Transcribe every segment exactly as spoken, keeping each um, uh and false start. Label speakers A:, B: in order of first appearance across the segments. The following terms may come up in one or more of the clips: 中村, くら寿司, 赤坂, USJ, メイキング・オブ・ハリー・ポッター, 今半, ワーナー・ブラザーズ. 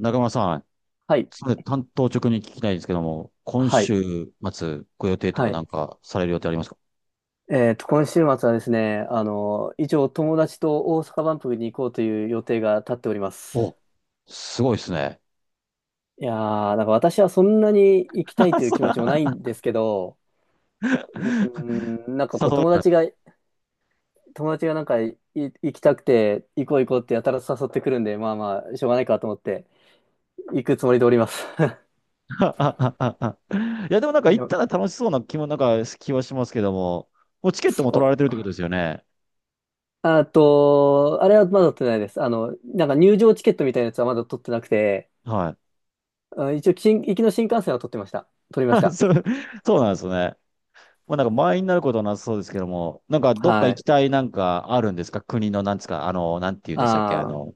A: 中村さん、
B: はい。
A: それ担当直に聞きたいんですけども、今
B: はい。
A: 週末ご予定と
B: は
A: か
B: い。
A: なんかされる予定ありますか？
B: えっと、今週末はですね、あの、以上、友達と大阪万博に行こうという予定が立っております。
A: お、すごいですね。
B: いやー、なんか私はそんなに行きたいという気持ちもない んですけど、うーん、なんか
A: そ
B: こ
A: う
B: う、
A: 誘われ
B: 友
A: ます
B: 達
A: か？
B: が、友達がなんかい行きたくて、行こう行こうってやたら誘ってくるんで、まあまあ、しょうがないかと思って、行くつもりでおります。
A: いや、でもなん か
B: で
A: 行っ
B: も
A: たら楽しそうな気も、なんか気はしますけども、もうチケットも取ら
B: そ
A: れてるっ
B: う。
A: てことですよね。
B: あと、あれはまだ取ってないです。あの、なんか入場チケットみたいなやつはまだ取ってなくて、
A: はい。
B: あ、一応、新行きの新幹線は撮ってました。撮りまし た。
A: そう、そうなんですね。まあなんか満員になることはなさそうですけども、なんかどっか
B: は
A: 行き
B: い。
A: たいなんかあるんですか？国のなんですか？あの、なんて言うんでしたっけ？あ
B: ああ、
A: の、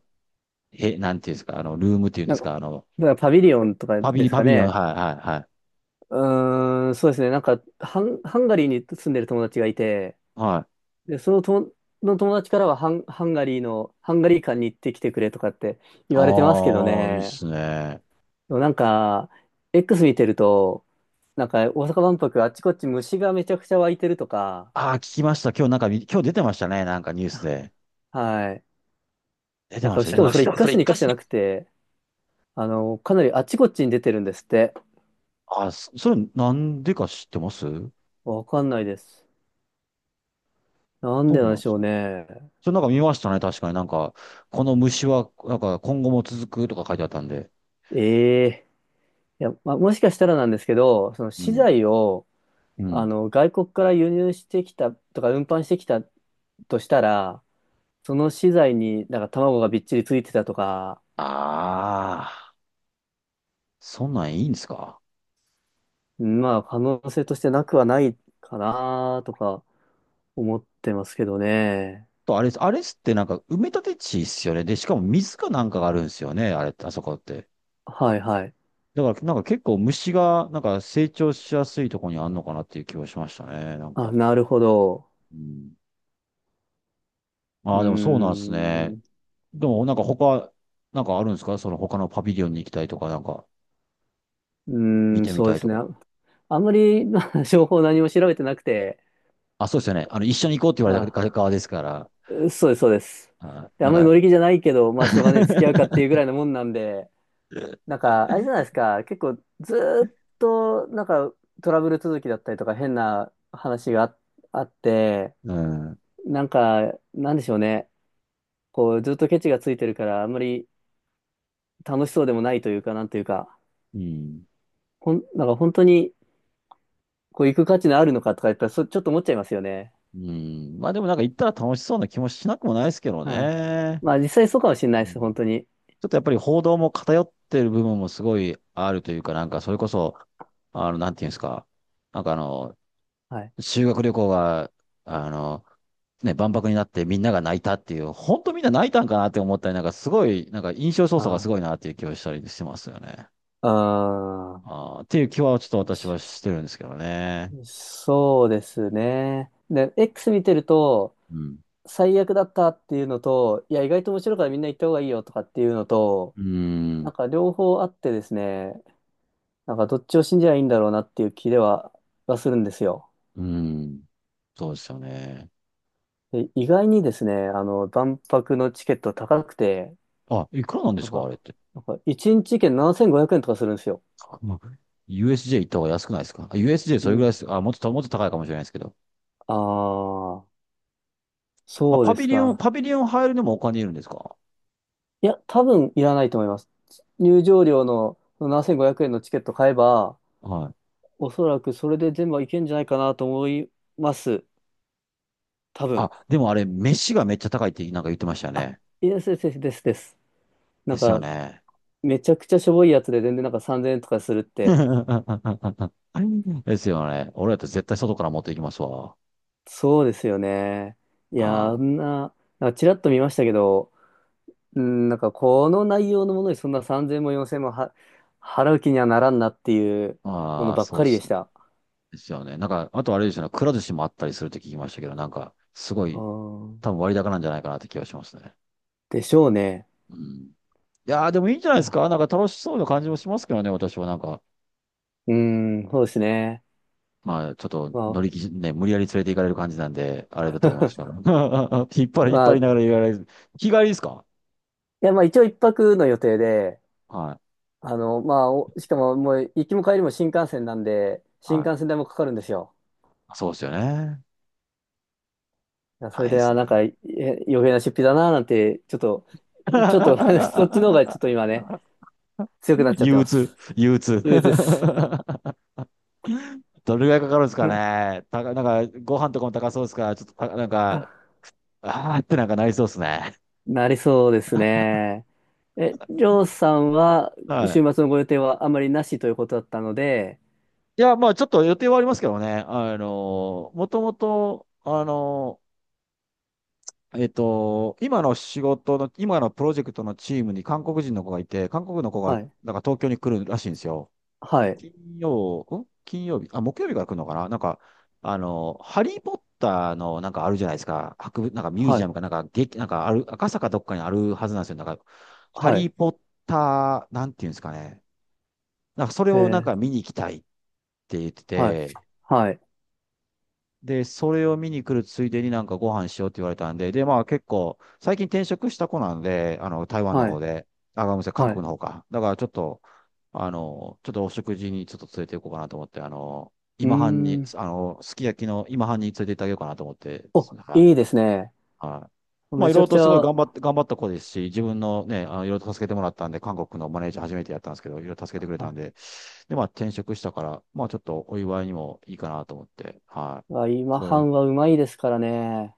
A: へ、なんて言うんですか？あの、ルームっていうんで
B: なん
A: す
B: か、
A: か？あの、
B: だからパビリオンとか
A: パビ
B: で
A: リ、
B: す
A: パ
B: か
A: ビリオン、は
B: ね。
A: い、はい、
B: うーん、そうですね。なんか、ハン、ハンガリーに住んでる友達がいて、
A: はい。はい。
B: で、そのと、の友達からはハン、ハンガリーの、ハンガリー館に行ってきてくれとかって言われてますけど
A: ああ、いいっ
B: ね。
A: すね。
B: でもなんか、X 見てると、なんか大阪万博あっちこっち虫がめちゃくちゃ湧いてるとか、
A: ああ、聞きました。今日なんか、今日出てましたね。なんかニュースで。
B: はい。
A: 出て
B: なん
A: まし
B: か、
A: た、
B: し
A: 出て
B: かも
A: まし
B: そ
A: し
B: れ一
A: た。そ
B: 箇
A: れ
B: 所
A: 一
B: 二箇
A: 回
B: 所
A: し
B: じゃ
A: に、
B: なくて、あの、かなりあっちこっちに出てるんですって。
A: ああ、そそれなんでか知ってます？そ
B: わかんないです。なんで
A: う
B: なん
A: な
B: で
A: んで
B: しょ
A: す
B: う
A: ね。
B: ね。
A: それなんか見ましたね。確かになんか、この虫は、なんか今後も続くとか書いてあったんで。
B: ええ、いや、まあ、もしかしたらなんですけど、その
A: う
B: 資
A: ん。
B: 材を、
A: う
B: あ
A: ん。
B: の、外国から輸入してきたとか、運搬してきたとしたら、その資材になんか卵がびっちりついてたとか、
A: ああ、そんなんいいんですか？
B: まあ、可能性としてなくはないかなとか思ってますけどね。
A: と、あれ、あれっすってなんか埋め立て地っすよね。で、しかも水かなんかがあるんですよね。あれ、あそこって。
B: はいはい。
A: だから、なんか結構虫が、なんか成長しやすいところにあんのかなっていう気はしましたね。なん
B: あ、
A: か。
B: なるほど。
A: うん。
B: う
A: あ
B: ー
A: あ、でもそうなんです
B: ん、
A: ね。
B: う
A: でも、なんか他、なんかあるんですか？その他のパビリオンに行きたいとか、なんか見
B: ーん、
A: てみ
B: そ
A: た
B: う
A: い
B: です
A: と
B: ね。
A: か。
B: あ、あんまり、まあ情報何も調べてなくて、
A: あ、そうですよね。あの、一緒に行こうって言われたから
B: あ、
A: 側ですから。
B: そうです、そうです。
A: あ、
B: であ
A: な
B: ん
A: ん
B: まり
A: か
B: 乗り気じゃないけど、まあ、しょうがねえ、付き合うかっていうぐら いのもんなんで、なんか、あれじゃないですか、結構、ずーっと、なんか、トラブル続きだったりとか、変な話があ、あって、
A: うん。
B: なんか、なんでしょうね、こう、ずっとケチがついてるから、あんまり楽しそうでもないというか、なんというか、
A: うん。
B: ほん、なんか本当に、こう、行く価値のあるのかとか言ったら、そ、ちょっと思っちゃいますよね。
A: うん。まあでもなんか行ったら楽しそうな気もしなくもないですけど
B: うん。
A: ね。
B: まあ、実際そうかもしれ
A: う
B: ないです、本
A: ん。
B: 当に。
A: ちょっとやっぱり報道も偏ってる部分もすごいあるというか、なんかそれこそ、あの、なんていうんですか、なんかあの、
B: はい。
A: 修学旅行が、あの、ね、万博になってみんなが泣いたっていう、本当みんな泣いたんかなって思ったり、なんかすごい、なんか印象操作がすごい
B: あ
A: なっていう気はしたりしてますよね。
B: あ。ああ。
A: あーっていう気はちょっと私はしてるんですけどね。
B: そうですね。で、X 見てると、
A: うん。
B: 最悪だったっていうのと、いや、意外と面白いからみんな行った方がいいよとかっていうのと、
A: うー
B: な
A: ん。
B: んか両方あってですね、なんかどっちを信じりゃいいんだろうなっていう気では、はするんですよ。
A: うーん。そうですよね。
B: で、意外にですね、あの、万博のチケット高くて、
A: あ、いくらなんで
B: な
A: す
B: ん
A: かあ
B: か、
A: れって？
B: なんかいちにち券ななせんごひゃくえんとかするんですよ。
A: まあ ユーエスジェー 行った方が安くないですかあ？ ユーエスジェー そ
B: う
A: れぐらいで
B: ん。
A: す。あ、もっと、もっと高いかもしれないですけど。
B: ああ、
A: あ、
B: そう
A: パ
B: で
A: ビ
B: す
A: リオン、
B: か。
A: パビリオン入るのもお金いるんですか？
B: いや、多分いらないと思います。入場料のそのななせんごひゃくえんのチケット買えば、
A: はい。
B: おそらくそれで全部はいけんじゃないかなと思います。多分。
A: あ、でもあれ、飯がめっちゃ高いってなんか言ってました
B: あ、
A: ね。
B: いや、ですですです。ですな
A: で
B: ん
A: すよ
B: か、
A: ね。
B: めちゃくちゃしょぼいやつで全然なんかさんぜんえんとかするって、
A: ですよね。俺だって絶対外から持っていきますわ。
B: そうですよね。いや、
A: あ
B: あんな、なんかちらっと見ましたけど、うん、なんかこの内容のものにそんなさんぜんもよんせんもは払う気にはならんなっていう
A: あ、
B: もの
A: ああ、
B: ばっ
A: そ
B: か
A: うで
B: りで
A: す
B: し
A: ね。
B: た。
A: ですよね。なんか、あとあれですよね。くら寿司もあったりするって聞きましたけど、なんか、すご
B: あ
A: い、多
B: ー
A: 分割高なんじゃないかなって気がしますね。
B: でしょうね。
A: うん。いやー、でもいいんじゃない
B: い
A: です
B: や、
A: か。なんか楽しそうな感じもしますけどね、私はなんか。
B: うーん、そうですね。
A: まあ、ちょっと
B: ま
A: 乗り気、ね、無理やり連れて行かれる感じなんで、あれだと思うんですけど。
B: あ、
A: 引っ 張り、引っ
B: まあ、
A: 張
B: い
A: りながら言われる。日帰りですか？
B: や、まあ一応一泊の予定で、
A: はい。
B: あの、まあ、おしかももう行きも帰りも新幹線なんで、新
A: は
B: 幹線
A: い。
B: 代もかかるんですよ。
A: そうですよね。
B: いやそ
A: 大
B: れ
A: 変で
B: で、
A: す
B: あ、なん
A: ね。
B: か、え余計な出費だな、なんて、ちょっと、ちょっと、 そっちの方がちょっと 今ね、強くなっちゃっ
A: 憂
B: てま
A: 鬱、
B: す。
A: 憂鬱。
B: 憂鬱です。
A: どれぐらいかかるんですか
B: な、
A: ね。たか、なんか、ご飯とかも高そうですから、ちょっとた、なん
B: あ
A: か、あーってなんかなりそうですね。
B: なりそうですね。え、りょうさんは、週
A: はい。
B: 末のご予定はあまりなしということだったので、
A: いや、まあ、ちょっと予定はありますけどね。あの、もともと、あの、えっと、今の仕事の、今のプロジェクトのチームに韓国人の子がいて、韓国の子が、
B: はい、
A: なんか東京に来るらしいんですよ。
B: はい、
A: 金曜、ん金曜日、あ、木曜日から来るのかな、なんか、あの、ハリーポッターのなんかあるじゃないですか。博物、なんかミュー
B: は
A: ジア
B: い、
A: ムかなんか、劇、なんかある、赤坂どっかにあるはずなんですよ。なんか、ハ
B: は
A: リ
B: い、
A: ーポッター、なんていうんですかね。なんかそれ
B: え
A: をなん
B: ー、
A: か見に行きたいって言って
B: はい、
A: て、
B: はい、
A: で、それを見に来るついでになんかご飯しようって言われたんで、で、まあ結構、最近転職した子なんで、あの、台湾の
B: は
A: 方
B: い、
A: で、あ、ごめんなさい、韓
B: は
A: 国
B: い。
A: の方か。だからちょっと、あの、ちょっとお食事にちょっと連れて行こうかなと思って、あの、
B: うー
A: 今半に、
B: ん。
A: あの、すき焼きの今半に連れて行ってあげようかなと思って、
B: お、
A: はい。
B: いいですね。
A: はい。まあ
B: め
A: い
B: ち
A: ろい
B: ゃ
A: ろ
B: くち
A: とすごい
B: ゃ、
A: 頑張って、頑張った子ですし、自分のね、あの、いろいろと助けてもらったんで、韓国のマネージャー初めてやったんですけど、いろいろ助けてくれ
B: は
A: たん
B: い。
A: で、で、まあ転職したから、まあちょっとお祝いにもいいかなと思って、は
B: あ、
A: い。
B: 今
A: それ
B: 半はうまいですからね。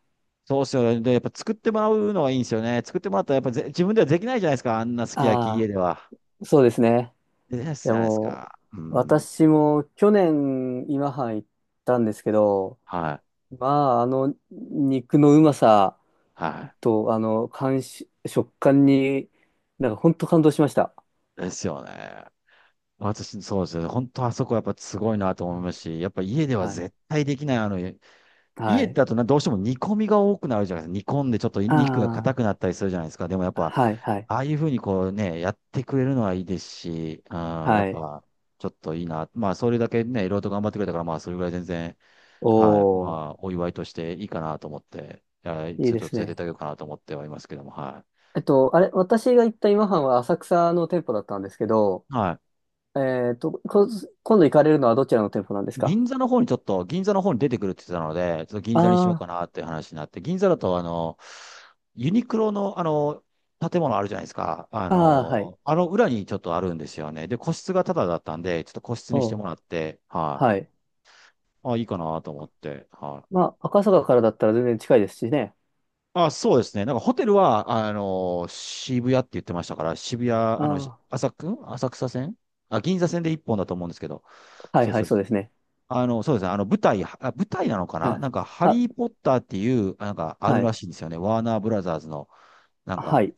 A: そうっすよね。で、やっぱ作ってもらうのがいいんですよね。作ってもらったらやっぱぜ自分ではできないじゃないですか。あんなすき焼き家
B: あ
A: では。
B: あ、そうですね。
A: できない
B: い
A: じ
B: や
A: ゃないです
B: もう、
A: か。うん。
B: 私も去年今半行ったんですけど、
A: はい。
B: まあ、あの肉のうまさ
A: は
B: と、あの、感し、食感に、なんか本当感動しました。
A: い。ですよね。私、そうですよね。本当あそこやっぱすごいなと思いますし、やっぱ家では
B: はい。
A: 絶対できない。あの、
B: は
A: 家
B: い。
A: だとなどうしても煮込みが多くなるじゃないですか。煮込んでちょっと肉が硬
B: あ
A: くなったりするじゃないですか。でもやっ
B: あ、
A: ぱ、
B: はい、はい、
A: ああいうふうにこうね、やってくれるのはいいですし、うん、やっ
B: はい。
A: ぱ、ちょっといいな。まあ、それだけね、いろいろと頑張ってくれたから、まあ、それぐらい全然、はい。ま
B: おー、
A: あ、お祝いとしていいかなと思って、いや
B: い
A: ち
B: い
A: ょっ
B: で
A: と
B: す
A: 連れてっ
B: ね。
A: てあげようかなと思ってはいますけども、は
B: えっと、あれ、私が行った今半は浅草の店舗だったんですけど、
A: い。は
B: えっと、こ、今度行かれるのはどちらの店舗なんです
A: い。
B: か？
A: 銀座の方にちょっと、銀座の方に出てくるって言ってたので、ちょっと銀
B: あ
A: 座にしようか
B: あ、
A: なっていう話になって、銀座だと、あの、ユニクロの、あの、建物あるじゃないですか。あ
B: ああ、はい。
A: の、あの裏にちょっとあるんですよね。で、個室がタダだったんで、ちょっと個室にして
B: お
A: も
B: う、
A: らって、はい。
B: はい。
A: あ、いいかなと思って、はい。
B: まあ、赤坂からだったら全然近いですしね。
A: あ、そうですね。なんかホテルは、あの、渋谷って言ってましたから、渋谷、あの、
B: あ
A: 浅く、浅草線、あ、銀座線で一本だと思うんですけど、
B: あ、はい
A: そうです、
B: は
A: そ
B: い、
A: うで
B: そう
A: す。
B: ですね。
A: あの、そうですね。あの、舞台、あ、舞台なのかな、
B: あ、
A: なんか、ハ
B: あ、
A: リー・ポッターっていう、なんか、ある
B: は
A: ら
B: い。
A: しいんですよね。ワーナー・ブラザーズの、なん
B: は
A: か、
B: い。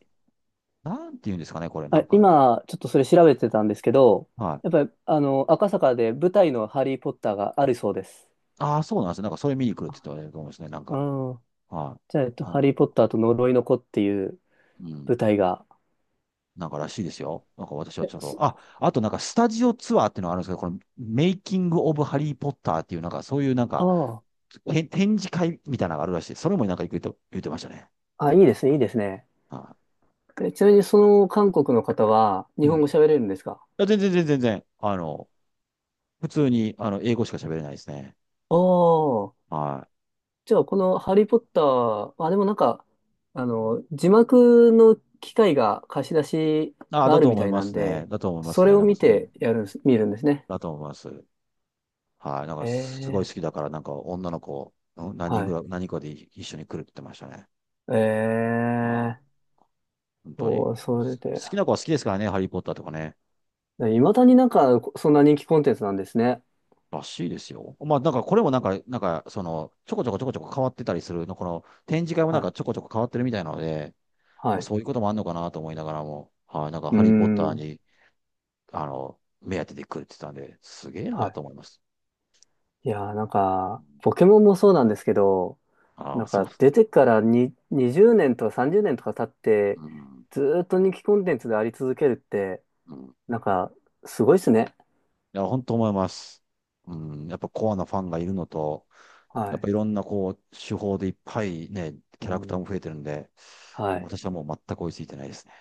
A: なんて言うんですかね、これ、な
B: あ、
A: んか。
B: 今、ちょっとそれ調べてたんですけど、
A: はい。
B: やっぱり、あの、赤坂で舞台のハリー・ポッターがあるそうです。
A: ああ、そうなんですよ。なんか、それ見に来るって言ってたと思うんですね。なん
B: う
A: か、
B: ん。
A: は
B: じゃあ、えっ
A: い。
B: と、
A: な
B: ハ
A: んか、
B: リー・ポッターと呪いの子っていう
A: うん。
B: 舞台が。
A: なんからしいですよ。なんか私は
B: え、
A: ちょっと、
B: そ
A: あ、あとなんかスタジオツアーっていうのがあるんですけど、このメイキング・オブ・ハリー・ポッターっていう、なんかそういうなんか、
B: あ
A: へ展示会みたいなのがあるらしい。それもなんか言って言ってましたね。
B: あ、あ、いいですね、いいですね。
A: は
B: えちなみに、その韓国の方は、
A: い。
B: 日
A: うん。
B: 本
A: い
B: 語喋れるんですか？
A: や全然全然全然、あの、普通に、あの、英語しか喋れないですね。
B: ああ、
A: は
B: じゃあこのハリーポッター、まあ、でもなんか、あの、字幕の機械が貸し出し
A: い。ああ、
B: が
A: だ
B: ある
A: と
B: み
A: 思い
B: たい
A: ま
B: なん
A: すね。
B: で、
A: だと思いま
B: そ
A: す
B: れ
A: ね。
B: を
A: なんか
B: 見
A: その、うん
B: てやるんです、見るんですね。
A: だと思います。はい。なんか
B: え
A: すごい
B: え、
A: 好きだから、なんか女の子、うん何人
B: は
A: ぐ
B: い。
A: らい、何人かで一緒に来るって言ってましたね。
B: え
A: は
B: え、
A: い。本当に。
B: そう、それ
A: 好
B: で。
A: きな子は好きですからね、ハリー・ポッターとかね。
B: いまだになんか、そんな人気コンテンツなんですね。
A: らしいですよ。まあ、なんかこれもなんか、なんか、その、ちょこちょこちょこちょこ変わってたりするの、この展示会もなん
B: は
A: か
B: い。
A: ちょこちょこ変わってるみたいなので、ま
B: は
A: あ、
B: い。う
A: そういうこともあるのかなと思いながらも、はい、なんか
B: ー
A: ハリー・ポッター
B: ん。
A: に、あの、目当てで来るって言ってたんで、すげえ
B: は
A: な
B: い。
A: と思います。
B: いやー、なんか、ポケモンもそうなんですけど、
A: あ
B: な
A: あ、
B: ん
A: そう。
B: か出てからににじゅうねんとかさんじゅうねんとか経っ
A: う
B: て、
A: ん。
B: ずーっと人気コンテンツであり続けるって、
A: うん。
B: なんかすごいっすね。
A: いや、本当思います。うん、やっぱコアなファンがいるのと、
B: は
A: やっぱ
B: い。
A: いろんなこう、手法でいっぱいね、
B: う
A: キャラクター
B: ん。
A: も増えてるんで、
B: はい。
A: 私はもう全く追いついてないですね。